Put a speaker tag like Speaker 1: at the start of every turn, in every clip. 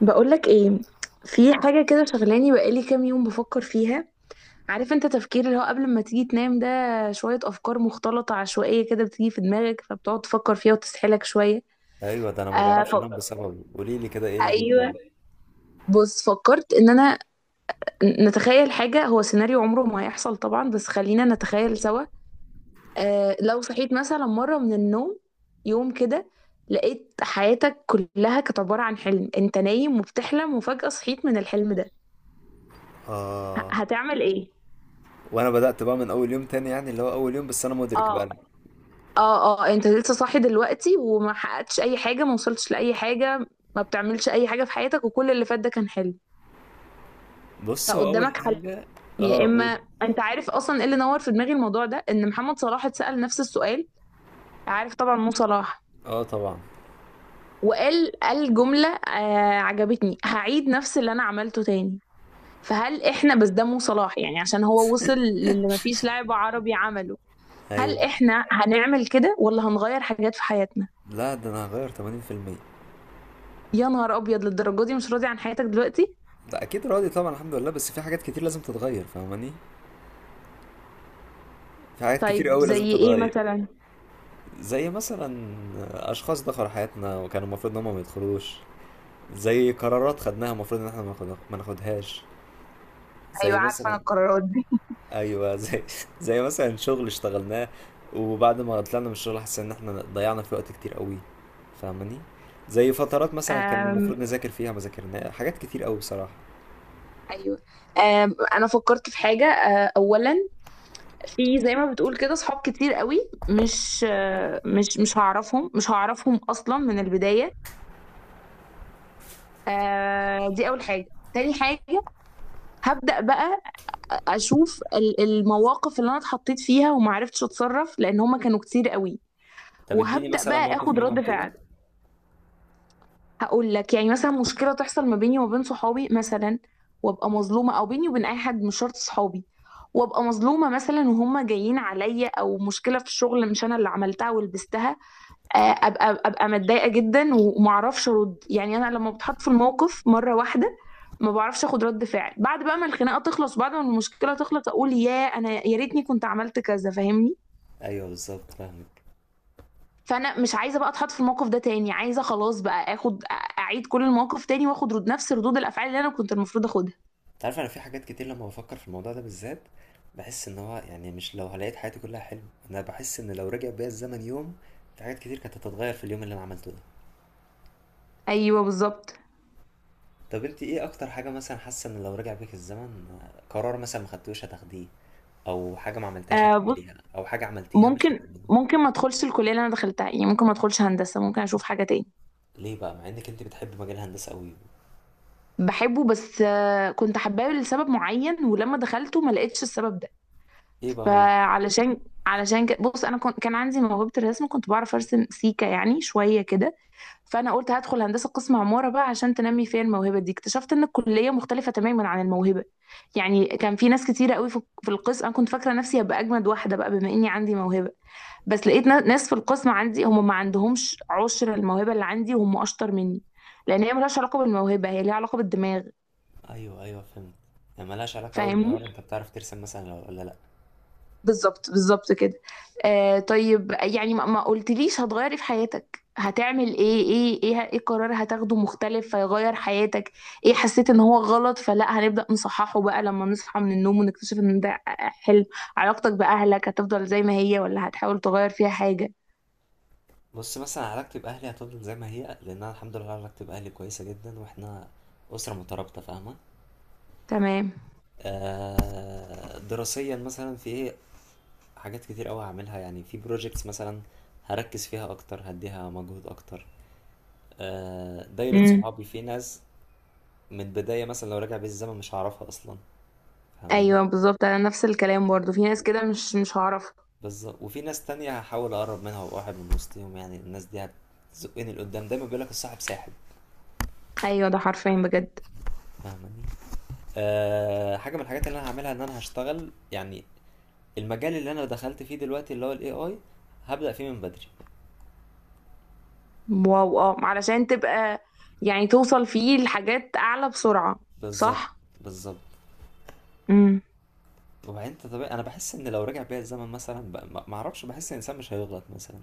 Speaker 1: بقولك ايه؟ في حاجة كده شغلاني بقالي كام يوم بفكر فيها. عارف انت تفكير اللي هو قبل ما تيجي تنام ده؟ شوية أفكار مختلطة عشوائية كده بتيجي في دماغك، فبتقعد تفكر فيها وتسحلك شوية.
Speaker 2: ايوه، ده انا ما
Speaker 1: آه ف...
Speaker 2: بعرفش انام بسببه. قولي لي كده، ايه اللي
Speaker 1: أيوه.
Speaker 2: جبان؟
Speaker 1: بص، فكرت إن أنا نتخيل حاجة، هو سيناريو عمره ما هيحصل طبعا، بس خلينا نتخيل سوا. لو صحيت مثلا مرة من النوم، يوم كده، لقيت حياتك كلها كانت عبارة عن حلم، انت نايم وبتحلم وفجأة صحيت من الحلم ده،
Speaker 2: اه.
Speaker 1: هتعمل ايه؟
Speaker 2: وانا بدأت بقى من اول يوم تاني، يعني اللي هو اول يوم بس انا مدرك بقى.
Speaker 1: اه. اه اه، انت لسه صاحي دلوقتي وما حققتش اي حاجه، ما وصلتش لاي حاجه، ما بتعملش اي حاجه في حياتك، وكل اللي فات ده كان حلو.
Speaker 2: بص، هو اول
Speaker 1: فقدامك حل،
Speaker 2: حاجة.
Speaker 1: يا
Speaker 2: اه،
Speaker 1: اما...
Speaker 2: قول.
Speaker 1: انت عارف اصلا ايه اللي نور في دماغي الموضوع ده؟ ان محمد صلاح اتسال نفس السؤال. عارف طبعا مو صلاح؟
Speaker 2: اه، طبعا.
Speaker 1: وقال، جمله عجبتني، هعيد نفس اللي انا عملته تاني. فهل احنا بس ده مو صلاح يعني، عشان هو وصل للي مفيش لاعب عربي عمله. هل
Speaker 2: ايوه.
Speaker 1: احنا هنعمل كده ولا هنغير حاجات في حياتنا؟
Speaker 2: لا، ده انا هغير 80%.
Speaker 1: يا نهار ابيض، للدرجه دي مش راضي عن حياتك دلوقتي؟
Speaker 2: لا، اكيد راضي طبعا، الحمد لله، بس في حاجات كتير لازم تتغير، فاهماني؟ في حاجات كتير
Speaker 1: طيب
Speaker 2: قوي لازم
Speaker 1: زي ايه
Speaker 2: تتغير.
Speaker 1: مثلا؟
Speaker 2: زي مثلا اشخاص دخلوا حياتنا وكانوا المفروض ان هم ما يدخلوش. زي قرارات خدناها المفروض ان احنا ما ناخدهاش. زي
Speaker 1: ايوه، عارفه انا
Speaker 2: مثلا.
Speaker 1: القرارات دي.
Speaker 2: ايوه، زي. زي مثلا شغل اشتغلناه، وبعد ما طلعنا من الشغل حسينا ان احنا ضيعنا في وقت كتير قوي، فاهماني؟ زي فترات مثلا كان
Speaker 1: أم
Speaker 2: المفروض نذاكر فيها ما ذاكرناها، حاجات كتير قوي بصراحه.
Speaker 1: ايوه. انا فكرت في حاجه، اولا، في زي ما بتقول كده صحاب كتير قوي، مش أه، مش مش هعرفهم مش هعرفهم اصلا من البدايه. دي اول حاجه. تاني حاجه، هبدا بقى اشوف المواقف اللي انا اتحطيت فيها وما عرفتش اتصرف، لان هما كانوا كتير قوي،
Speaker 2: طب اديني
Speaker 1: وهبدا
Speaker 2: مثلا
Speaker 1: بقى
Speaker 2: موقف
Speaker 1: اخد
Speaker 2: منهم
Speaker 1: رد
Speaker 2: كده.
Speaker 1: فعل. هقول لك يعني، مثلا مشكله تحصل ما بيني وما بين صحابي مثلا، وابقى مظلومه، او بيني وبين اي حد مش شرط صحابي، وابقى مظلومه مثلا وهم جايين عليا، او مشكله في الشغل مش انا اللي عملتها ولبستها، ابقى متضايقه جدا ومعرفش ارد. يعني انا لما بتحط في الموقف مره واحده ما بعرفش اخد رد فعل، بعد بقى ما الخناقه تخلص، بعد ما المشكله تخلص، اقول يا انا يا ريتني كنت عملت كذا. فاهمني؟
Speaker 2: ايوه، بالظبط، فاهمك.
Speaker 1: فانا مش عايزه بقى اتحط في الموقف ده تاني، عايزه خلاص بقى اخد، اعيد كل المواقف تاني واخد نفس ردود الافعال اللي انا كنت المفروض اخدها.
Speaker 2: انت عارف، انا في حاجات كتير لما بفكر في الموضوع ده بالذات بحس ان هو يعني، مش لو لقيت حياتي كلها حلم، انا بحس ان لو رجع بيا الزمن يوم، في حاجات كتير كانت هتتغير في اليوم اللي انا عملته ده.
Speaker 1: ايوه بالظبط.
Speaker 2: طب انت ايه اكتر حاجه مثلا حاسه ان لو رجع بيك الزمن، قرار مثلا ما خدتوش هتاخديه، او حاجه ما عملتهاش
Speaker 1: بص،
Speaker 2: هتعمليها، او حاجه عملتيها مش
Speaker 1: ممكن
Speaker 2: هتعمليها؟
Speaker 1: ممكن ما ادخلش الكليه اللي انا دخلتها، يعني ممكن ما ادخلش هندسه، ممكن اشوف حاجه تاني.
Speaker 2: ليه بقى مع انك انت بتحب مجال الهندسه قوي؟
Speaker 1: بحبه، بس كنت حباه لسبب معين، ولما دخلته ما لقيتش السبب ده.
Speaker 2: ايه بقى هو؟
Speaker 1: فعلشان علشان كده بص، انا كان عندي موهبه الرسم، كنت بعرف ارسم سيكا يعني شويه كده. فانا قلت هدخل هندسه قسم عماره بقى عشان تنمي فيا الموهبه دي. اكتشفت ان الكليه مختلفه تماما عن الموهبه. يعني كان في ناس كتيره قوي في القسم، انا كنت فاكره نفسي هبقى اجمد واحده بقى بما اني عندي موهبه، بس لقيت ناس في القسم عندي هم ما عندهمش عشر الموهبه اللي عندي، وهم اشطر مني، لان هي ملهاش علاقه بالموهبه، هي ليها علاقه بالدماغ.
Speaker 2: ايوه، ايوه، فهمت. يعني ملهاش علاقه قوي
Speaker 1: فاهمني؟
Speaker 2: بالعوار، انت بتعرف ترسم مثلا ولا لا؟
Speaker 1: بالظبط بالظبط كده. طيب يعني، ما قلتليش هتغيري في حياتك، هتعمل ايه قرار هتاخده مختلف فيغير حياتك؟ ايه حسيت ان هو غلط فلا، هنبدأ نصححه بقى لما نصحى من النوم ونكتشف ان ده حلم؟ علاقتك بأهلك هتفضل زي ما هي ولا هتحاول تغير فيها حاجة؟
Speaker 2: بص، مثلا علاقتي باهلي هتفضل زي ما هي، لان انا الحمد لله علاقتي باهلي كويسه جدا، واحنا اسره مترابطه، فاهمه؟
Speaker 1: تمام.
Speaker 2: دراسيا مثلا في ايه. حاجات كتير قوي هعملها، يعني في بروجيكتس مثلا هركز فيها اكتر، هديها مجهود اكتر. دايره
Speaker 1: امم،
Speaker 2: صحابي في ناس، من البدايه مثلا لو راجع بيا الزمن مش هعرفها اصلا، فاهماني؟
Speaker 1: ايوه بالظبط، انا نفس الكلام برضو، في ناس كده مش هعرف.
Speaker 2: بالظبط. وفي ناس تانية هحاول اقرب منها وابقى واحد من وسطهم، يعني الناس دي هتزقني لقدام، دايما بيقول لك الصاحب ساحب،
Speaker 1: ايوه، ده حرفيا بجد.
Speaker 2: فاهماني؟ حاجه من الحاجات اللي انا هعملها ان انا هشتغل، يعني المجال اللي انا دخلت فيه دلوقتي اللي هو الاي اي، هبدا فيه من بدري.
Speaker 1: واو. اه، علشان تبقى، يعني توصل فيه لحاجات اعلى بسرعة.
Speaker 2: بالظبط،
Speaker 1: صح.
Speaker 2: بالظبط.
Speaker 1: امم.
Speaker 2: وبعدين انت طبيعي، انا بحس ان لو رجع بيا الزمن مثلا، ما اعرفش، بحس ان الانسان مش هيغلط مثلا.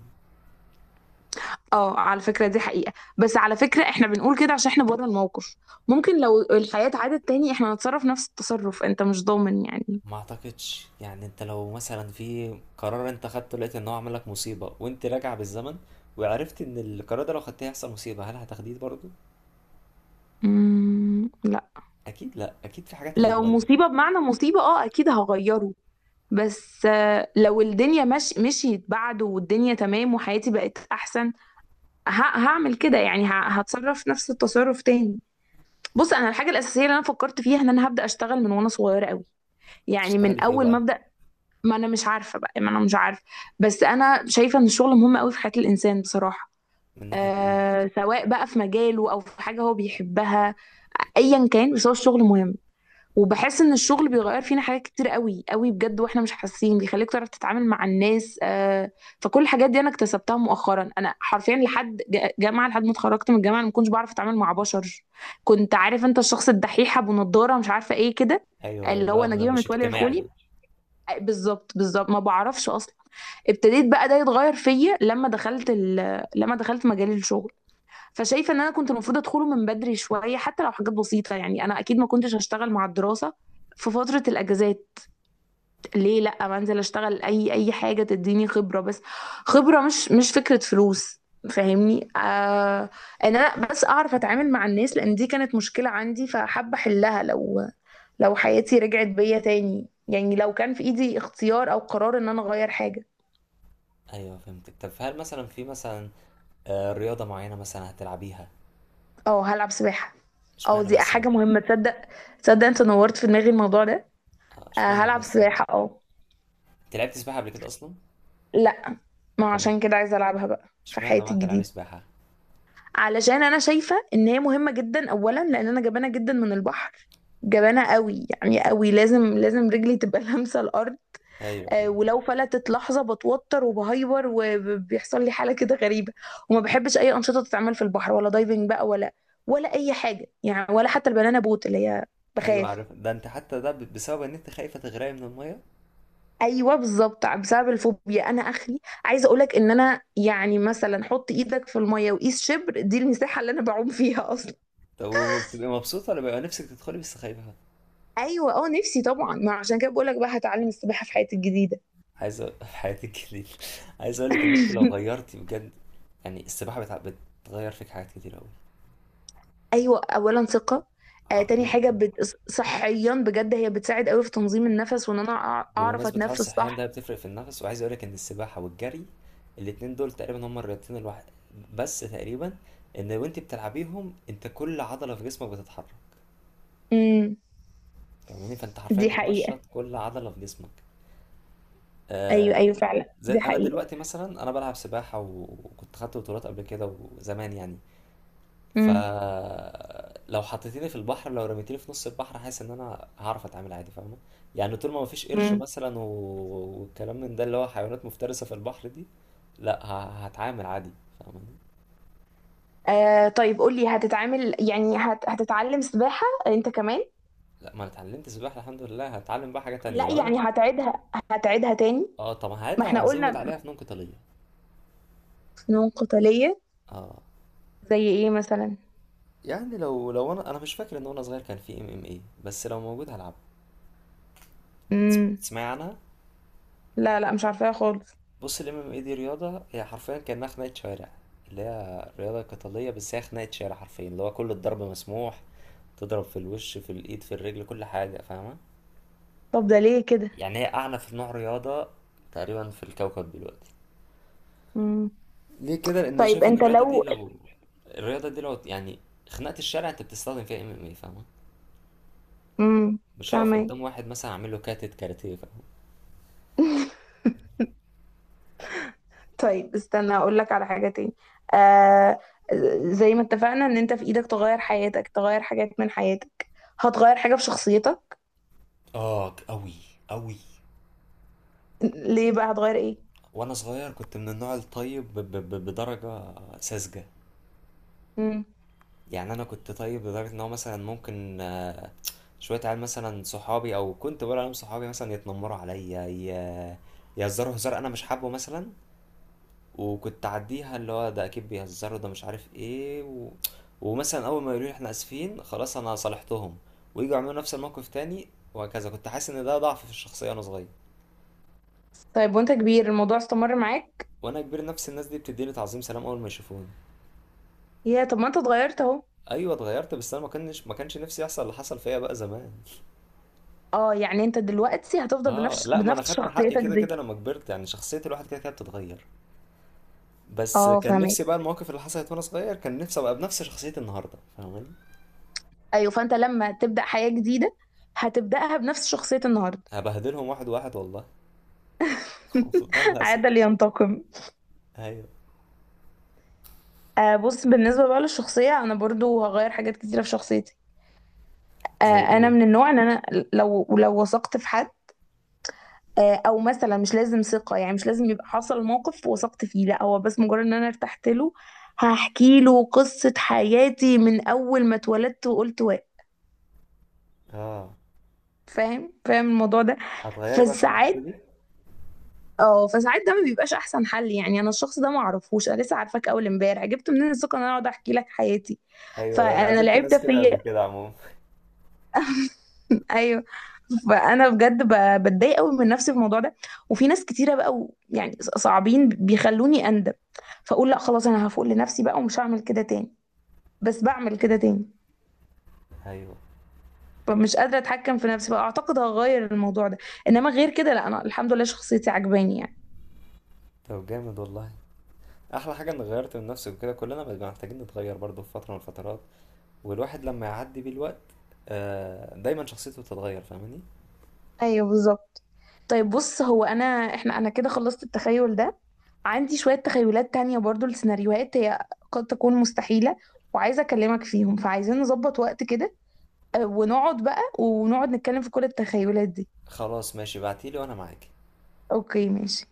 Speaker 1: اه، على فكرة دي حقيقة، بس على فكرة احنا بنقول كده عشان احنا بره الموقف، ممكن لو الحياة اتعادت تاني احنا نتصرف نفس التصرف، انت مش ضامن يعني.
Speaker 2: ما اعتقدش، يعني انت لو مثلا في قرار انت خدته لقيت ان هو عمل لك مصيبة، وانت راجع بالزمن وعرفت ان القرار ده لو خدته هيحصل مصيبة، هل هتاخديه برضه؟
Speaker 1: امم، لا.
Speaker 2: اكيد لا، اكيد في حاجات
Speaker 1: لو
Speaker 2: هتتغير.
Speaker 1: مصيبة بمعنى مصيبة، اه اكيد هغيره، بس لو الدنيا مش مشيت بعده والدنيا تمام وحياتي بقت احسن، ه- هعمل كده يعني، هتصرف نفس التصرف تاني. بص، انا الحاجة الاساسية اللي انا فكرت فيها، ان انا هبدأ اشتغل من وانا صغيرة قوي، يعني
Speaker 2: تشتغلي
Speaker 1: من
Speaker 2: في ايه
Speaker 1: اول ما
Speaker 2: بقى؟
Speaker 1: ابدأ. ما انا مش عارفه بقى، ما انا مش عارفه، بس انا شايفه ان الشغل مهم قوي في حياه الانسان بصراحه.
Speaker 2: من ناحية ايه؟
Speaker 1: سواء بقى في مجاله او في حاجه هو بيحبها، ايا كان، بس هو الشغل مهم. وبحس ان الشغل بيغير فينا حاجات كتير قوي قوي بجد واحنا مش حاسين، بيخليك تعرف تتعامل مع الناس. فكل الحاجات دي انا اكتسبتها مؤخرا. انا حرفيا لحد جامعه، لحد ما اتخرجت من الجامعه انا ما كنتش بعرف اتعامل مع بشر. كنت عارف انت الشخص الدحيح ابو نضاره، مش عارفه ايه كده،
Speaker 2: ايوه،
Speaker 1: اللي هو
Speaker 2: لا،
Speaker 1: نجيبه
Speaker 2: مش
Speaker 1: متولي
Speaker 2: اجتماعي.
Speaker 1: الخولي. بالظبط بالظبط، ما بعرفش اصلا. ابتديت بقى ده يتغير فيا لما دخلت لما دخلت مجال الشغل. فشايفه ان انا كنت المفروض ادخله من بدري شويه، حتى لو حاجات بسيطه، يعني انا اكيد ما كنتش هشتغل مع الدراسه في فتره الاجازات. ليه لا؟ ما انزل اشتغل اي حاجه تديني خبره بس، خبره، مش فكره فلوس، فاهمني؟ ان انا بس اعرف اتعامل مع الناس، لان دي كانت مشكله عندي، فحابه احلها، لو لو حياتي رجعت بيا تاني يعني، لو كان في ايدي اختيار او قرار ان انا اغير حاجه.
Speaker 2: ايوه، فهمتك. طب هل مثلا في مثلا، رياضة معينة مثلا هتلعبيها؟
Speaker 1: اه هلعب سباحة. اه،
Speaker 2: اشمعنى
Speaker 1: دي
Speaker 2: بس بقى؟
Speaker 1: حاجة مهمة، تصدق؟ تصدق، انت نورت في دماغي الموضوع ده.
Speaker 2: اه،
Speaker 1: آه
Speaker 2: اشمعنى
Speaker 1: هلعب
Speaker 2: بس.
Speaker 1: سباحة، اه.
Speaker 2: انت لعبت سباحة قبل كده اصلا؟
Speaker 1: لا، ما
Speaker 2: تمام.
Speaker 1: عشان كده عايزة العبها بقى في
Speaker 2: اشمعنى بقى
Speaker 1: حياتي
Speaker 2: هتلعبي
Speaker 1: الجديدة.
Speaker 2: سباحة؟
Speaker 1: علشان انا شايفة ان هي مهمة جدا، اولا لان انا جبانة جدا من البحر، جبانة قوي يعني، قوي، لازم لازم رجلي تبقى لامسة الارض.
Speaker 2: ايوه، ايوه.
Speaker 1: ولو فلتت لحظة بتوتر وبهيبر وبيحصل لي حالة كده غريبة، وما بحبش اي انشطة تتعمل في البحر، ولا دايفنج بقى، ولا ولا اي حاجة يعني، ولا حتى البنانا بوت اللي هي،
Speaker 2: أيوة،
Speaker 1: بخاف.
Speaker 2: عارف ده، انت حتى ده بسبب ان انت خايفة تغرقي من المية؟
Speaker 1: ايوه بالظبط، بسبب الفوبيا انا اخري. عايزه اقولك ان انا يعني، مثلا حط ايدك في الميه وقيس شبر، دي المساحه اللي انا بعوم فيها اصلا.
Speaker 2: طب وبتبقي مبسوطة ولا بيبقى نفسك تدخلي بس خايفة؟
Speaker 1: ايوه، اه، نفسي طبعا، ما عشان كده بقولك بقى، هتعلم السباحه في حياتي الجديده.
Speaker 2: عايز في حياتك ليه؟ عايز أقول لك إن أنت لو غيرتي بجد، يعني السباحة بتغير فيك حاجات كتير أوي،
Speaker 1: ايوه، اولا ثقه. تاني
Speaker 2: حرفيا.
Speaker 1: حاجه صحيا بجد، هي بتساعد قوي في تنظيم النفس وان انا اعرف
Speaker 2: بمناسبة حوار
Speaker 1: اتنفس
Speaker 2: الصحيان ده
Speaker 1: صح.
Speaker 2: بتفرق في النفس، وعايز أقول لك إن السباحة والجري، الاتنين دول تقريبا هما الرياضتين الواحد، بس تقريبا، إن وأنت بتلعبيهم أنت كل عضلة في جسمك بتتحرك،
Speaker 1: امم
Speaker 2: فاهماني؟ فأنت حرفيا
Speaker 1: دي حقيقه.
Speaker 2: بتنشط كل عضلة في جسمك.
Speaker 1: ايوه
Speaker 2: آه...
Speaker 1: ايوه فعلا
Speaker 2: زي
Speaker 1: دي
Speaker 2: انا
Speaker 1: حقيقه.
Speaker 2: دلوقتي مثلا، انا بلعب سباحه، وكنت خدت بطولات قبل كده وزمان يعني،
Speaker 1: امم
Speaker 2: فلو حطيتيني في البحر، لو رميتيني في نص البحر، حاسس ان انا هعرف اتعامل عادي، فاهمه؟ يعني طول ما مفيش قرش
Speaker 1: امم.
Speaker 2: مثلا والكلام من ده اللي هو حيوانات مفترسه في البحر دي، لا هتعامل عادي، فاهمه؟
Speaker 1: طيب قولي، هتتعامل يعني، هتتعلم سباحه انت كمان؟
Speaker 2: لا، ما انا اتعلمت سباحه الحمد لله، هتعلم بقى حاجه تانية
Speaker 1: لا
Speaker 2: لو انا.
Speaker 1: يعني هتعيدها تاني.
Speaker 2: اه، طب
Speaker 1: ما
Speaker 2: هعيدها
Speaker 1: احنا
Speaker 2: وهزود
Speaker 1: قلنا.
Speaker 2: عليها فنون قتاليه.
Speaker 1: فنون قتالية.
Speaker 2: اه،
Speaker 1: زي ايه مثلا؟
Speaker 2: يعني لو انا مش فاكر ان وانا صغير كان في MMA، بس لو موجود هلعب.
Speaker 1: امم،
Speaker 2: تسمعي عنها.
Speaker 1: لا لا، مش عارفاها خالص.
Speaker 2: بص ال MMA دي رياضة، هي حرفيا كأنها خناقة شوارع، اللي هي رياضة قتالية بس هي خناقة شارع حرفيا، اللي هو كل الضرب مسموح. تضرب في الوش، في الإيد، في الرجل، كل حاجة، فاهمة؟
Speaker 1: طب ده ليه كده؟
Speaker 2: يعني هي أعنف نوع رياضة تقريبا في الكوكب دلوقتي.
Speaker 1: امم
Speaker 2: ليه كده؟ لأن أنا
Speaker 1: طيب
Speaker 2: شايف إن
Speaker 1: انت
Speaker 2: الرياضة دي
Speaker 1: لو.
Speaker 2: لو الرياضة دي لو يعني خناقة الشارع أنت بتستخدم فيها MMA، فاهمة؟
Speaker 1: امم
Speaker 2: مش هقف
Speaker 1: فاهمك.
Speaker 2: قدام واحد مثلا أعمل له كاراتيه، فاهمة؟
Speaker 1: طيب استنى اقول لك على حاجة تاني. آه، زي ما اتفقنا ان انت في ايدك تغير حياتك، تغير حاجات من حياتك، هتغير حاجة في شخصيتك؟
Speaker 2: اه، أوي، أوي.
Speaker 1: ليه بقى؟ هتغير ايه؟
Speaker 2: وأنا صغير كنت من النوع الطيب، بدرجة ساذجة.
Speaker 1: امم
Speaker 2: يعني انا كنت طيب لدرجه ان هو مثلا ممكن، شويه عيال مثلا صحابي او كنت بقول عليهم صحابي مثلا يتنمروا عليا، يهزروا هزار انا مش حابه مثلا. وكنت اعديها اللي هو ده اكيد بيهزروا ده مش عارف ايه ومثلا اول ما يقولوا لي احنا اسفين خلاص انا صالحتهم، ويجوا يعملوا نفس الموقف تاني، وهكذا. كنت حاسس ان ده ضعف في الشخصيه وانا صغير.
Speaker 1: طيب وانت كبير الموضوع استمر معاك؟
Speaker 2: وانا كبير نفس الناس دي بتديني تعظيم سلام اول ما يشوفوني.
Speaker 1: يا طب، ما انت اتغيرت اهو.
Speaker 2: ايوه، اتغيرت بس انا ما كانش نفسي يحصل اللي حصل فيا بقى زمان.
Speaker 1: اه، يعني انت دلوقتي هتفضل
Speaker 2: اه،
Speaker 1: بنفس
Speaker 2: لا، ما انا خدت حقي
Speaker 1: شخصيتك
Speaker 2: كده
Speaker 1: دي؟
Speaker 2: كده لما كبرت، يعني شخصية الواحد كده كده بتتغير، بس
Speaker 1: اه،
Speaker 2: كان
Speaker 1: فاهمك.
Speaker 2: نفسي بقى المواقف اللي حصلت وانا صغير، كان نفسي ابقى بنفس شخصية النهاردة، فاهماني؟
Speaker 1: ايوه، فانت لما تبدأ حياة جديدة هتبدأها بنفس شخصية النهاردة.
Speaker 2: هبهدلهم واحد واحد والله. والله ما هسيب.
Speaker 1: عاد لينتقم.
Speaker 2: ايوه.
Speaker 1: بص، بالنسبة بقى للشخصية انا برضو هغير حاجات كتيرة في شخصيتي.
Speaker 2: زي
Speaker 1: انا
Speaker 2: ايه.
Speaker 1: من النوع ان انا، لو وثقت في حد، او مثلا مش لازم ثقة يعني، مش لازم يبقى حصل موقف وثقت فيه، لا، هو بس مجرد ان انا ارتحت له، هحكي له قصة حياتي من اول ما اتولدت وقلت واعي.
Speaker 2: اه،
Speaker 1: فاهم الموضوع ده؟
Speaker 2: هتغيري بقى في الحتة
Speaker 1: فساعات،
Speaker 2: دي.
Speaker 1: اه فساعات ده ما بيبقاش احسن حل، يعني انا الشخص ده ما اعرفوش، انا لسه عارفاك اول امبارح، جبت منين الثقه ان انا اقعد احكي لك حياتي؟
Speaker 2: ايوه، أيوه. انا
Speaker 1: فانا
Speaker 2: قابلت
Speaker 1: العيب ده
Speaker 2: ناس كده قبل
Speaker 1: فيا.
Speaker 2: كده عموما.
Speaker 1: ايوه. فانا بجد بتضايق قوي من نفسي في الموضوع ده. وفي ناس كتيره بقى، يعني صعبين، بيخلوني اندم، فاقول لا خلاص انا هفوق لنفسي بقى ومش هعمل كده تاني، بس بعمل كده تاني.
Speaker 2: ايوه.
Speaker 1: فمش قادره اتحكم في نفسي بقى، اعتقد هغير الموضوع ده. انما غير كده لا، انا الحمد لله شخصيتي عجباني يعني.
Speaker 2: طب جامد والله. احلى حاجة اني غيرت من نفسي، وكده كلنا بنبقى محتاجين نتغير برضه في فترة من الفترات، والواحد لما يعدي بيه الوقت دايما شخصيته بتتغير، فاهماني؟
Speaker 1: ايوه بالظبط. طيب بص، هو انا احنا انا كده خلصت التخيل ده. عندي شوية تخيلات تانية برضو لسيناريوهات، هي قد تكون مستحيلة، وعايزة أكلمك فيهم، فعايزين نظبط وقت كده، ونقعد بقى ونقعد نتكلم في كل التخيلات دي.
Speaker 2: خلاص ماشي، بعتيلي وانا معاكي.
Speaker 1: أوكي ماشي.